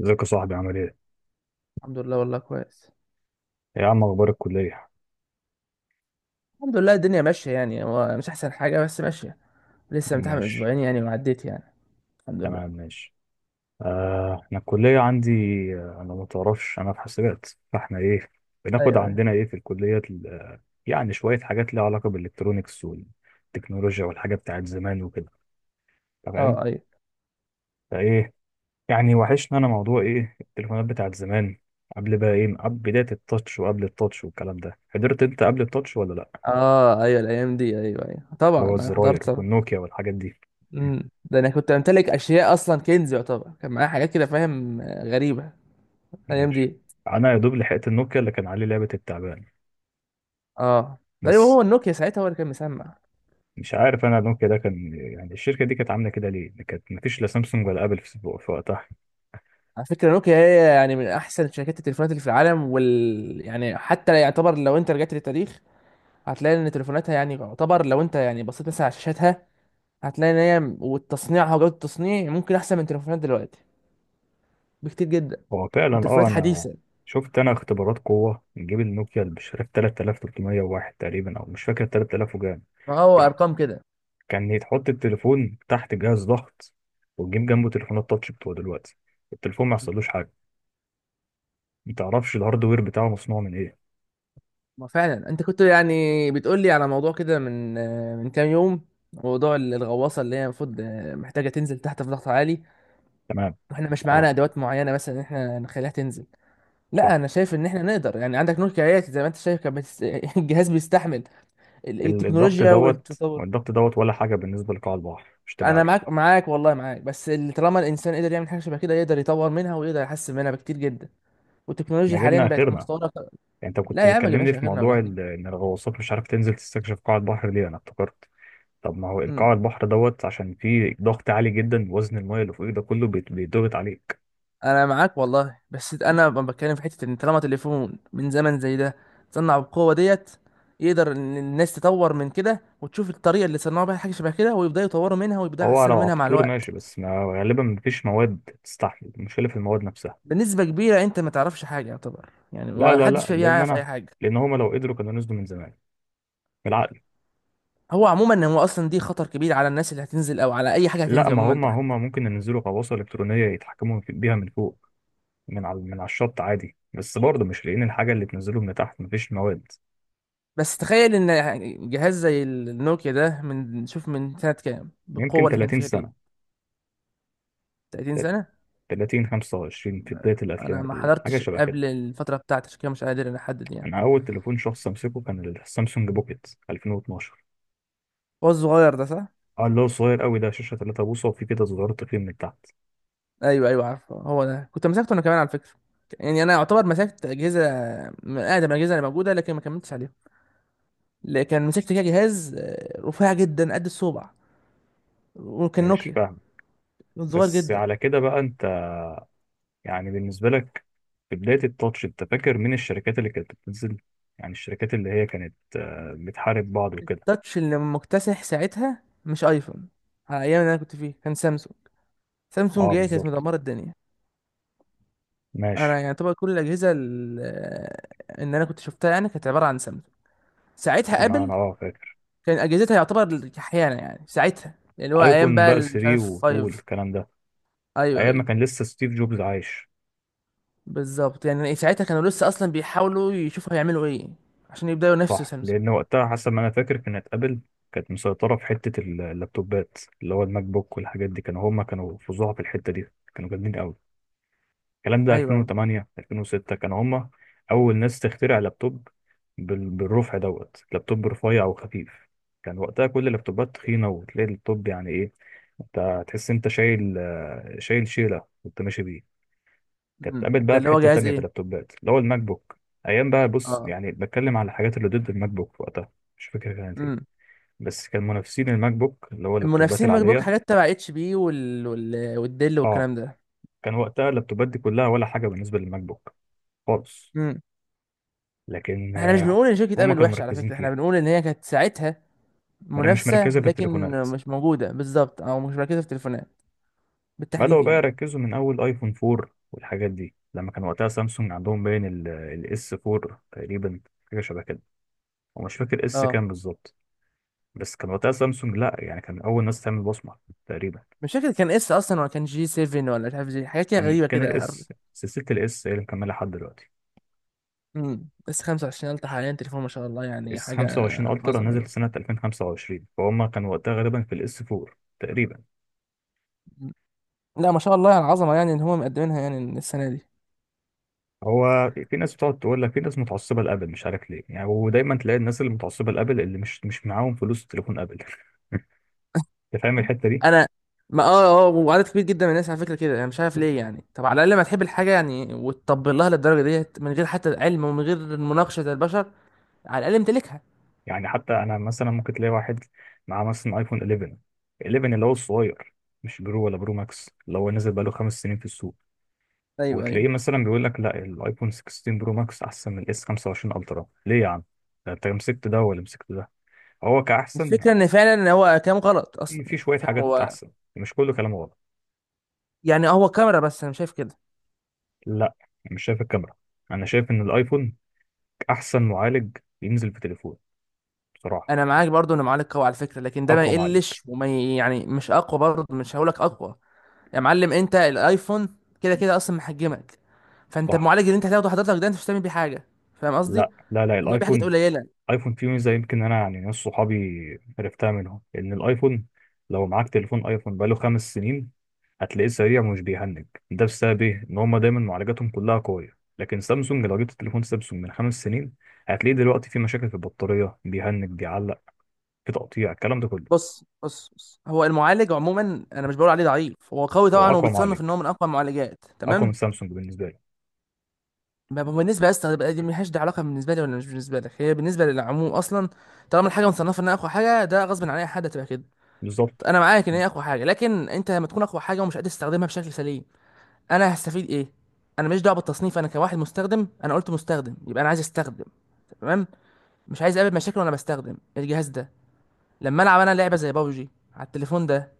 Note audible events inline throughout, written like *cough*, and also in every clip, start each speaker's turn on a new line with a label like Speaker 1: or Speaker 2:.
Speaker 1: ازيك يا صاحبي، عامل ايه؟
Speaker 2: الحمد لله، والله كويس.
Speaker 1: يا عم، اخبار الكلية؟
Speaker 2: الحمد لله الدنيا ماشية يعني هو مش أحسن حاجة بس ماشية. لسه متعامل من
Speaker 1: ماشي.
Speaker 2: أسبوعين يعني وعديت يعني. الحمد لله.
Speaker 1: تمام. ماشي. آه، انا الكلية عندي. انا ما تعرفش، انا في حاسبات، فاحنا ايه بناخد
Speaker 2: أيوه أيوه.
Speaker 1: عندنا ايه في الكلية يعني شوية حاجات ليها علاقة بالالكترونيكس والتكنولوجيا والحاجات بتاعت زمان وكده. تمام.
Speaker 2: أه أيوه.
Speaker 1: فايه؟ يعني وحشنا انا موضوع ايه التليفونات بتاعت زمان، قبل بقى، ايه، قبل بداية التاتش، وقبل التاتش والكلام ده، حضرت انت قبل التاتش ولا لا؟
Speaker 2: أه أيوه الأيام دي، أيوه أيوه
Speaker 1: اللي
Speaker 2: طبعا
Speaker 1: هو
Speaker 2: أنا
Speaker 1: الزراير
Speaker 2: حضرت طبعا.
Speaker 1: والنوكيا والحاجات دي.
Speaker 2: ده أنا كنت أمتلك أشياء أصلا، كنز يعتبر كان معايا حاجات كده، فاهم، غريبة. الأيام
Speaker 1: ماشي.
Speaker 2: دي.
Speaker 1: انا يا دوب لحقت النوكيا اللي كان عليه لعبه التعبان،
Speaker 2: أه أيوه،
Speaker 1: بس.
Speaker 2: هو النوكيا ساعتها هو اللي كان مسمع.
Speaker 1: مش عارف انا النوكيا ده كان يعني الشركه دي كانت عامله كده ليه، كانت مفيش لا سامسونج ولا ابل في وقتها.
Speaker 2: على فكرة نوكيا هي يعني من أحسن شركات التليفونات اللي في العالم، وال يعني حتى يعتبر لو أنت رجعت للتاريخ، هتلاقي إن تليفوناتها يعني يعتبر لو أنت يعني بصيت مثلا على شاشاتها، هتلاقي ان هي والتصنيع وجوده التصنيع ممكن احسن من تليفونات دلوقتي بكتير جدا،
Speaker 1: هو
Speaker 2: من
Speaker 1: فعلا،
Speaker 2: تليفونات
Speaker 1: انا
Speaker 2: حديثه.
Speaker 1: شفت انا اختبارات قوه، نجيب النوكيا اللي مش عارف 3301 تقريبا، او مش فاكر، 3000 وجان
Speaker 2: ما هو
Speaker 1: يعني.
Speaker 2: ارقام كده.
Speaker 1: كان يتحط التليفون تحت جهاز ضغط، وتجيب جنبه تليفونات تاتش بتوع دلوقتي، التليفون ما يحصلوش حاجه، ما تعرفش الهاردوير بتاعه مصنوع من ايه.
Speaker 2: ما فعلا انت كنت يعني بتقول لي على موضوع كده من من كام يوم، موضوع الغواصه اللي هي المفروض محتاجه تنزل تحت في ضغط عالي،
Speaker 1: تمام.
Speaker 2: واحنا مش معانا
Speaker 1: اه،
Speaker 2: ادوات معينه مثلا ان احنا نخليها تنزل. لا،
Speaker 1: صح.
Speaker 2: انا شايف ان احنا نقدر يعني عندك نور كايات زي ما انت شايف، *laughs* الجهاز بيستحمل
Speaker 1: الضغط
Speaker 2: التكنولوجيا
Speaker 1: دوت
Speaker 2: والتطور.
Speaker 1: والضغط دوت ولا حاجة بالنسبة لقاع البحر، مش تبقى
Speaker 2: انا
Speaker 1: عارف.
Speaker 2: معاك معاك، والله معاك، بس اللي طالما الانسان قدر يعمل حاجه شبه كده يقدر يطور منها ويقدر يحسن منها بكتير جدا، والتكنولوجيا
Speaker 1: احنا جبنا
Speaker 2: حاليا بقت
Speaker 1: آخرنا
Speaker 2: متطوره
Speaker 1: يعني. انت كنت
Speaker 2: لا يا عم، ما
Speaker 1: بتكلمني
Speaker 2: جبناش
Speaker 1: في
Speaker 2: اخرنا ولا
Speaker 1: موضوع
Speaker 2: حاجه.
Speaker 1: ان الغواصات مش عارف تنزل تستكشف قاع البحر ليه، انا افتكرت. طب ما هو
Speaker 2: امم
Speaker 1: قاع البحر دوت، عشان فيه ضغط عالي جدا، وزن المايه اللي فوقيه ده كله بيتضغط عليك.
Speaker 2: انا معاك والله، بس انا بتكلم في حته ان طالما تليفون من زمن زي ده صنع بالقوه ديت، يقدر ان الناس تطور من كده وتشوف الطريقه اللي صنعوا بيها حاجه شبه كده، ويبداوا يطوروا منها ويبداوا
Speaker 1: هو
Speaker 2: يحسنوا
Speaker 1: لو على
Speaker 2: منها مع
Speaker 1: الطول
Speaker 2: الوقت.
Speaker 1: ماشي، بس ما غالبا مفيش مواد تستحمل، المشكلة في المواد نفسها.
Speaker 2: بنسبه كبيره انت ما تعرفش حاجه يعتبر يعني،
Speaker 1: لا
Speaker 2: ما
Speaker 1: لا لا،
Speaker 2: حدش فيها يعرف اي حاجه.
Speaker 1: لان هما لو قدروا كانوا نزلوا من زمان، بالعقل.
Speaker 2: هو عموما هو اصلا دي خطر كبير على الناس اللي هتنزل، او على اي حاجه
Speaker 1: لا،
Speaker 2: هتنزل
Speaker 1: ما
Speaker 2: عموما
Speaker 1: هما
Speaker 2: تحت.
Speaker 1: هما ممكن ينزلوا غواصة إلكترونية يتحكموا بيها من فوق، من على الشط عادي، بس برضه مش لاقيين الحاجة اللي تنزله من تحت، مفيش مواد.
Speaker 2: بس تخيل ان يعني جهاز زي النوكيا ده من شوف من سنة كام
Speaker 1: يمكن
Speaker 2: بالقوة اللي كان
Speaker 1: 30
Speaker 2: فيها دي.
Speaker 1: سنة.
Speaker 2: 30 سنة.
Speaker 1: 30، 25، في بداية
Speaker 2: انا
Speaker 1: الأفلام.
Speaker 2: ما
Speaker 1: حاجة
Speaker 2: حضرتش
Speaker 1: شبه كده.
Speaker 2: قبل الفترة بتاعتي، عشان كده مش قادر انا احدد يعني.
Speaker 1: أنا أول تليفون شخص أمسكه كان السامسونج بوكيت 2012.
Speaker 2: هو الصغير ده صح؟
Speaker 1: اه، اللي هو صغير قوي ده، شاشة 3 بوصة وفي كده صغير، تخين من تحت.
Speaker 2: ايوه ايوه عارفه، هو ده كنت مسكته انا كمان على فكرة. يعني انا اعتبر مسكت اجهزة من اقدم الاجهزة اللي موجودة، لكن ما كملتش عليها. لكن مسكت كده جهاز رفيع جدا قد الصبع، وكان
Speaker 1: مش
Speaker 2: نوكيا،
Speaker 1: فاهم.
Speaker 2: صغير
Speaker 1: بس
Speaker 2: جدا.
Speaker 1: على كده بقى، أنت يعني بالنسبة لك في بداية التاتش أنت فاكر مين الشركات اللي كانت بتنزل؟ يعني الشركات اللي هي كانت بتحارب بعض وكده.
Speaker 2: التاتش اللي مكتسح ساعتها مش ايفون، على ايام اللي انا كنت فيه كان سامسونج. سامسونج
Speaker 1: اه،
Speaker 2: هي كانت
Speaker 1: بالظبط.
Speaker 2: مدمره الدنيا.
Speaker 1: ماشي.
Speaker 2: انا يعني طبعا كل الاجهزه ان انا كنت شفتها يعني كانت عباره عن سامسونج. ساعتها
Speaker 1: ما
Speaker 2: ابل
Speaker 1: أنا فاهم.
Speaker 2: كان اجهزتها يعتبر احيانا يعني ساعتها اللي هو ايام
Speaker 1: ايفون
Speaker 2: بقى
Speaker 1: بقى
Speaker 2: مش عارف
Speaker 1: 3 و2
Speaker 2: 5.
Speaker 1: والكلام ده،
Speaker 2: ايوه
Speaker 1: ايام ما
Speaker 2: ايوه،
Speaker 1: كان لسه ستيف جوبز عايش.
Speaker 2: بالظبط. يعني ساعتها كانوا لسه اصلا بيحاولوا يشوفوا هيعملوا ايه، عشان يبداوا ينافسوا
Speaker 1: صح،
Speaker 2: سامسونج.
Speaker 1: لان وقتها حسب ما انا فاكر كانت ابل كانت مسيطره في حته اللابتوبات، اللي هو الماك بوك والحاجات دي، كانوا هم كانوا فظاع في الحته دي، كانوا جامدين قوي. الكلام ده
Speaker 2: ايوه ايوه.
Speaker 1: 2008، 2006، كانوا هم اول ناس تخترع لابتوب بالرفع دوت، لابتوب رفيع وخفيف. كان وقتها كل اللابتوبات تخينه، وتلاقي اللابتوب يعني ايه، انت تحس انت شايل، شايل شيله وانت ماشي. كانت اتقابلت
Speaker 2: ده
Speaker 1: بقى في
Speaker 2: اللي هو
Speaker 1: حتة
Speaker 2: جهاز
Speaker 1: تانية في
Speaker 2: ايه.
Speaker 1: اللابتوبات اللي هو الماك بوك. أيام بقى، بص،
Speaker 2: اه.
Speaker 1: يعني بتكلم على الحاجات اللي ضد الماك بوك في وقتها، مش فاكر كانت إيه،
Speaker 2: امم
Speaker 1: بس كان منافسين الماك بوك اللي هو اللابتوبات
Speaker 2: المنافسين ماك بوك
Speaker 1: العادية.
Speaker 2: حاجات تبع اتش بي والديل
Speaker 1: أه،
Speaker 2: والكلام ده.
Speaker 1: كان وقتها اللابتوبات دي كلها ولا حاجة بالنسبة للماك بوك خالص.
Speaker 2: امم
Speaker 1: لكن
Speaker 2: احنا مش بنقول ان شركه
Speaker 1: هما
Speaker 2: ابل
Speaker 1: كانوا
Speaker 2: وحشه على
Speaker 1: مركزين
Speaker 2: فكره، احنا
Speaker 1: فيها.
Speaker 2: بنقول ان هي كانت ساعتها
Speaker 1: ما دام مش
Speaker 2: منافسة،
Speaker 1: مركزة في
Speaker 2: لكن
Speaker 1: التليفونات،
Speaker 2: مش موجودة بالظبط او مش مركزة في التليفونات
Speaker 1: بدأوا
Speaker 2: بالتحديد
Speaker 1: بقى
Speaker 2: يعني.
Speaker 1: يركزوا من أول أيفون 4 والحاجات دي، لما كان وقتها سامسونج عندهم باين الاس 4 تقريبا، حاجة شبه كده، ومش فاكر اس
Speaker 2: اه،
Speaker 1: كام بالظبط، بس كان وقتها سامسونج، لا يعني، كان اول ناس تعمل بصمه تقريبا.
Speaker 2: مش فاكر كان اس اصلا ولا كان جي 7، ولا مش عارف جي حاجات كده
Speaker 1: كان
Speaker 2: غريبة
Speaker 1: كان
Speaker 2: كده.
Speaker 1: الاس، سلسله الاس هي اللي مكمله لحد دلوقتي.
Speaker 2: اس 25 الترا حاليا، تليفون ما شاء الله يعني
Speaker 1: اس
Speaker 2: حاجة.
Speaker 1: 25 الترا
Speaker 2: عظمة،
Speaker 1: نزل
Speaker 2: أيوة.
Speaker 1: سنه 2025، فهم كانوا وقتها غالبا في الاس 4 تقريبا.
Speaker 2: مم. لا، ما شاء الله على العظمة، يعني ان هم مقدمينها يعني السنة دي.
Speaker 1: هو في ناس بتقعد تقول لك في ناس متعصبه لابل، مش عارف ليه يعني، ودايما تلاقي الناس اللي متعصبه لابل اللي مش معاهم فلوس تليفون ابل. *laughs* انت فاهم الحته دي.
Speaker 2: انا ما وعدد كبير جدا من الناس على فكرة كده، انا مش عارف ليه يعني. طب على الاقل ما تحب الحاجة يعني، وتطبل لها للدرجة ديت من غير حتى علم ومن غير مناقشة البشر. على الاقل امتلكها.
Speaker 1: يعني حتى انا مثلا ممكن تلاقي واحد معاه مثلا ايفون 11، 11 اللي هو الصغير، مش برو ولا برو ماكس، اللي هو نزل بقاله 5 سنين في السوق،
Speaker 2: ايوه ايوه.
Speaker 1: وتلاقيه مثلا بيقول لك لا، الايفون 16 برو ماكس احسن من الاس 25 الترا. ليه يا عم؟ ده انت مسكت ده ولا مسكت ده؟ هو كاحسن؟
Speaker 2: الفكرة ان فعلا هو كلام غلط
Speaker 1: في
Speaker 2: اصلا
Speaker 1: في
Speaker 2: يعني،
Speaker 1: شويه
Speaker 2: فاهم
Speaker 1: حاجات
Speaker 2: هو.
Speaker 1: احسن، مش كله كلام غلط.
Speaker 2: يعني هو كاميرا، بس انا شايف كده.
Speaker 1: لا، أنا مش شايف الكاميرا، انا شايف ان الايفون احسن معالج ينزل في تليفون، بصراحه.
Speaker 2: انا معاك برضو ان معلق قوي على فكرة، لكن ده ما
Speaker 1: اقوى معالج.
Speaker 2: يقلش وما يعني مش اقوى برضو، مش هقولك اقوى. يا معلم انت الايفون كده كده اصلا محجمك، فانت
Speaker 1: صح.
Speaker 2: المعالج اللي انت هتاخده حضرتك ده انت مش هتعمل بيه حاجة. فاهم قصدي؟
Speaker 1: لا لا لا،
Speaker 2: هتعمل بيه حاجات
Speaker 1: الايفون،
Speaker 2: قليلة.
Speaker 1: ايفون فيه ميزه، يمكن انا يعني ناس صحابي عرفتها منهم، ان الايفون لو معاك تليفون ايفون بقاله 5 سنين هتلاقيه سريع ومش بيهنج، ده بسبب ايه؟ ان هما دايما معالجاتهم كلها قويه، لكن سامسونج لو جبت تليفون سامسونج من 5 سنين هتلاقيه دلوقتي فيه مشاكل في البطاريه، بيهنج، بيعلق، في تقطيع، الكلام ده كله.
Speaker 2: بص بص بص، هو المعالج عموما انا مش بقول عليه ضعيف، هو قوي
Speaker 1: هو
Speaker 2: طبعا
Speaker 1: اقوى
Speaker 2: وبتصنف
Speaker 1: معالج،
Speaker 2: ان هو من اقوى المعالجات،
Speaker 1: اقوى من
Speaker 2: تمام.
Speaker 1: سامسونج بالنسبه لي.
Speaker 2: ما هو بالنسبه اصلا بقى دي ملهاش، دي علاقه بالنسبه لي ولا مش بالنسبه لك، هي بالنسبه للعموم اصلا. طالما الحاجه مصنفه انها اقوى حاجه، ده غصب عن اي حد هتبقى كده.
Speaker 1: بالظبط.
Speaker 2: انا معاك ان هي اقوى حاجه، لكن انت لما تكون اقوى حاجه ومش قادر تستخدمها بشكل سليم، انا هستفيد ايه؟ انا ماليش دعوه بالتصنيف، انا كواحد مستخدم انا قلت مستخدم، يبقى انا عايز استخدم. تمام. مش عايز اقابل مشاكل وانا بستخدم الجهاز ده. لما العب انا لعبه زي بابجي على التليفون ده،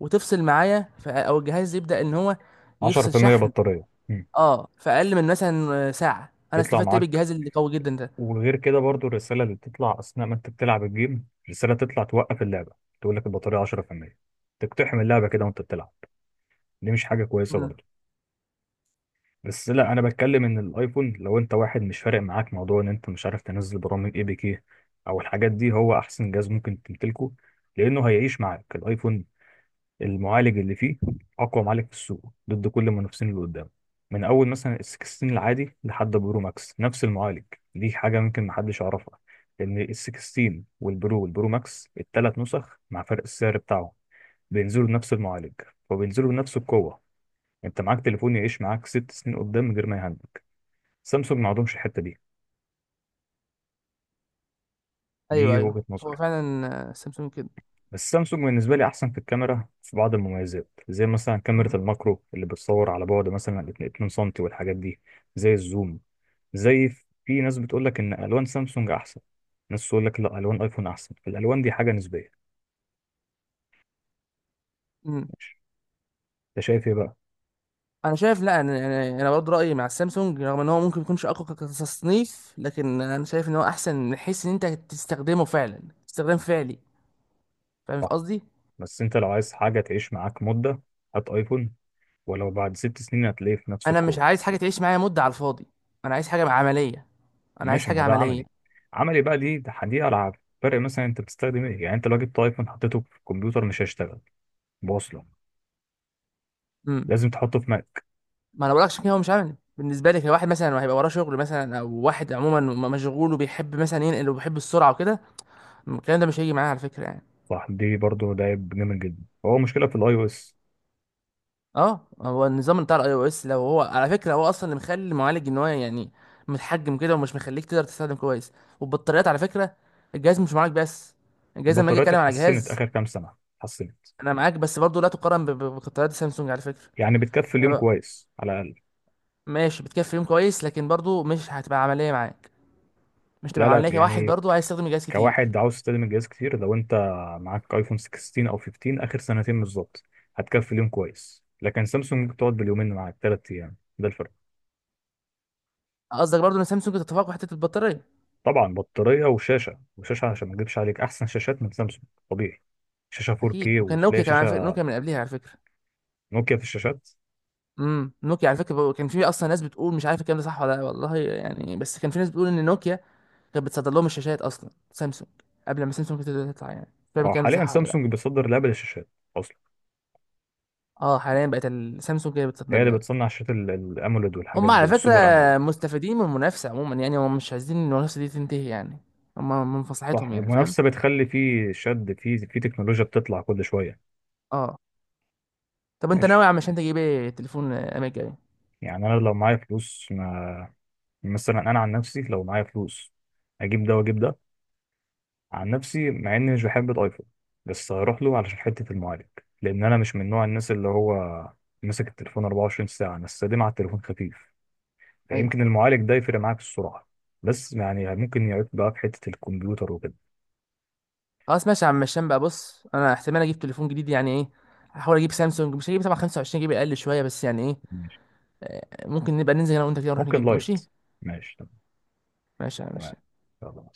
Speaker 2: وتفصل معايا او الجهاز يبدا ان هو يفصل
Speaker 1: 10%
Speaker 2: شحن،
Speaker 1: بطاريه.
Speaker 2: اه في اقل من مثلا ساعه، انا
Speaker 1: يطلع
Speaker 2: استفدت ايه
Speaker 1: معاك.
Speaker 2: بالجهاز اللي قوي جدا ده.
Speaker 1: وغير كده برضو، الرسالة اللي بتطلع أثناء ما أنت بتلعب الجيم، الرسالة تطلع توقف اللعبة، تقول لك البطارية 10%، تقتحم اللعبة كده وأنت بتلعب، دي مش حاجة كويسة
Speaker 2: امم
Speaker 1: برضو. بس لا، أنا بتكلم إن الأيفون لو أنت واحد مش فارق معاك موضوع إن أنت مش عارف تنزل برامج APK أو الحاجات دي، هو أحسن جهاز ممكن تمتلكه، لأنه هيعيش معاك الأيفون. المعالج اللي فيه اقوى معالج في السوق ضد كل المنافسين اللي قدامه، من اول مثلا ال 16 العادي لحد برو ماكس نفس المعالج. دي حاجه ممكن محدش يعرفها، لان ال 16 والبرو والبرو ماكس الثلاث نسخ، مع فرق السعر بتاعهم، بينزلوا بنفس المعالج وبينزلوا بنفس القوه. انت معاك تليفون يعيش معاك 6 سنين قدام من غير ما يهنج، سامسونج ما عندهمش الحته دي.
Speaker 2: ايوه
Speaker 1: دي
Speaker 2: ايوه،
Speaker 1: وجهه
Speaker 2: هو
Speaker 1: نظري.
Speaker 2: فعلا سامسونج كده.
Speaker 1: بس سامسونج بالنسبة لي أحسن في الكاميرا، في بعض المميزات زي مثلا كاميرا الماكرو اللي بتصور على بعد مثلا 2 سم والحاجات دي، زي الزوم، زي، في ناس بتقول لك إن ألوان سامسونج أحسن، ناس تقول لك لا، ألوان أيفون أحسن. الألوان دي حاجة نسبية.
Speaker 2: امم
Speaker 1: ماشي. أنت شايف إيه بقى؟
Speaker 2: انا شايف، لا انا يعني انا برضه رايي مع السامسونج، رغم ان هو ممكن يكونش اقوى كتصنيف، لكن انا شايف ان هو احسن من حيث ان انت تستخدمه فعلا، استخدام فعلي. فاهم في
Speaker 1: صح.
Speaker 2: قصدي.
Speaker 1: بس أنت لو عايز حاجة تعيش معاك مدة، هات أيفون، ولو بعد 6 سنين هتلاقيه في نفس
Speaker 2: انا مش
Speaker 1: القوة.
Speaker 2: عايز حاجه تعيش معايا مده على الفاضي، انا عايز حاجه عمليه، انا عايز
Speaker 1: ماشي، ما
Speaker 2: حاجه
Speaker 1: ده
Speaker 2: عمليه.
Speaker 1: عملي. عملي بقى، دي ألعاب. فرق مثلا أنت بتستخدم إيه يعني؟ أنت لو جبت أيفون حطيته في الكمبيوتر مش هيشتغل، بوصله.
Speaker 2: امم
Speaker 1: لازم تحطه في.
Speaker 2: ما انا بقولكش كده هو مش عملي بالنسبه لي، كواحد مثلا هيبقى وراه شغل مثلا، او واحد عموما مشغول وبيحب مثلا ينقل وبيحب السرعه وكده، الكلام ده مش هيجي معايا على فكره يعني.
Speaker 1: صح، دي برضو ده عيب جامد جدا، هو مشكله في الاي او اس.
Speaker 2: اه، هو النظام بتاع الاي او اس لو هو على فكره هو اصلا اللي مخلي المعالج ان هو يعني متحجم كده ومش مخليك تقدر تستخدم كويس. والبطاريات على فكره، الجهاز مش معاك بس، الجهاز لما اجي
Speaker 1: البطاريات
Speaker 2: اتكلم على
Speaker 1: اتحسنت
Speaker 2: جهاز.
Speaker 1: اخر كام سنه، اتحسنت،
Speaker 2: انا معاك بس برضه لا تقارن ببطاريات سامسونج على فكره.
Speaker 1: يعني بتكفي
Speaker 2: انا
Speaker 1: اليوم
Speaker 2: بقى
Speaker 1: كويس على الاقل.
Speaker 2: ماشي بتكفي يوم كويس، لكن برضه مش هتبقى عمليه معاك، مش
Speaker 1: لا
Speaker 2: تبقى
Speaker 1: لا
Speaker 2: عمليه كواحد
Speaker 1: يعني،
Speaker 2: برضه عايز يستخدم الجهاز كتير.
Speaker 1: كواحد عاوز تستخدم الجهاز كتير، لو انت معاك ايفون 16 او 15 اخر سنتين بالظبط هتكفي اليوم كويس، لكن سامسونج ممكن تقعد باليومين معاك، 3 ايام، ده الفرق.
Speaker 2: قصدك برضه ان سامسونج تتفوق في حته البطاريه.
Speaker 1: طبعا، بطاريه وشاشه وشاشه عشان ما اكذبش عليك، احسن شاشات من سامسونج، طبيعي. شاشه
Speaker 2: اكيد،
Speaker 1: 4K،
Speaker 2: وكان نوكيا
Speaker 1: وتلاقي
Speaker 2: كمان على فكره،
Speaker 1: شاشه
Speaker 2: نوكيا من قبلها على فكره.
Speaker 1: نوكيا في الشاشات.
Speaker 2: نوكيا على فكره كان في اصلا ناس بتقول، مش عارف الكلام ده صح ولا لا والله يعني، بس كان في ناس بتقول ان نوكيا كانت بتصدر لهم الشاشات اصلا سامسونج، قبل ما سامسونج تبدا تطلع يعني، مش فاهم
Speaker 1: اه،
Speaker 2: الكلام ده
Speaker 1: حاليا
Speaker 2: صح ولا لا.
Speaker 1: سامسونج بيصدر لابل الشاشات،
Speaker 2: اه حاليا بقت سامسونج هي اللي بتصدر
Speaker 1: هي اللي
Speaker 2: لها.
Speaker 1: بتصنع شاشات الاموليد والحاجات
Speaker 2: هم
Speaker 1: دي
Speaker 2: على فكره
Speaker 1: والسوبر اموليد.
Speaker 2: مستفيدين من المنافسه عموما يعني، هم مش عايزين إن المنافسه دي تنتهي يعني، هم من
Speaker 1: صح،
Speaker 2: مصلحتهم يعني، فاهم.
Speaker 1: المنافسه بتخلي فيه شد، في تكنولوجيا بتطلع كل شويه.
Speaker 2: اه. طب انت
Speaker 1: ماشي.
Speaker 2: ناوي يا عم هشام تجيب ايه تليفون ايام الجاي؟
Speaker 1: يعني انا لو معايا فلوس ما، مثلا انا عن نفسي لو معايا فلوس اجيب ده واجيب ده. عن نفسي، مع اني مش بحب الايفون بس هروح له علشان حته المعالج، لان انا مش من نوع الناس اللي هو ماسك التليفون 24 ساعه. انا السليم على التليفون خفيف،
Speaker 2: ايوه.
Speaker 1: فيمكن المعالج ده يفرق معاك في السرعه، بس يعني ممكن يعيق بقى في حته الكمبيوتر وكده.
Speaker 2: خلاص ماشي يا عم هشام، بقى بص انا احتمال اجيب تليفون جديد يعني ايه، هحاول اجيب سامسونج، مش هجيب طبعا 25 جيجا، اقل شويه بس يعني ايه.
Speaker 1: ماشي.
Speaker 2: ممكن نبقى ننزل هنا وانت كده نروح
Speaker 1: ممكن
Speaker 2: نجيبه
Speaker 1: لايت.
Speaker 2: ماشي.
Speaker 1: ماشي.
Speaker 2: ماشي يا عم،
Speaker 1: تمام.
Speaker 2: ماشي.
Speaker 1: يلا.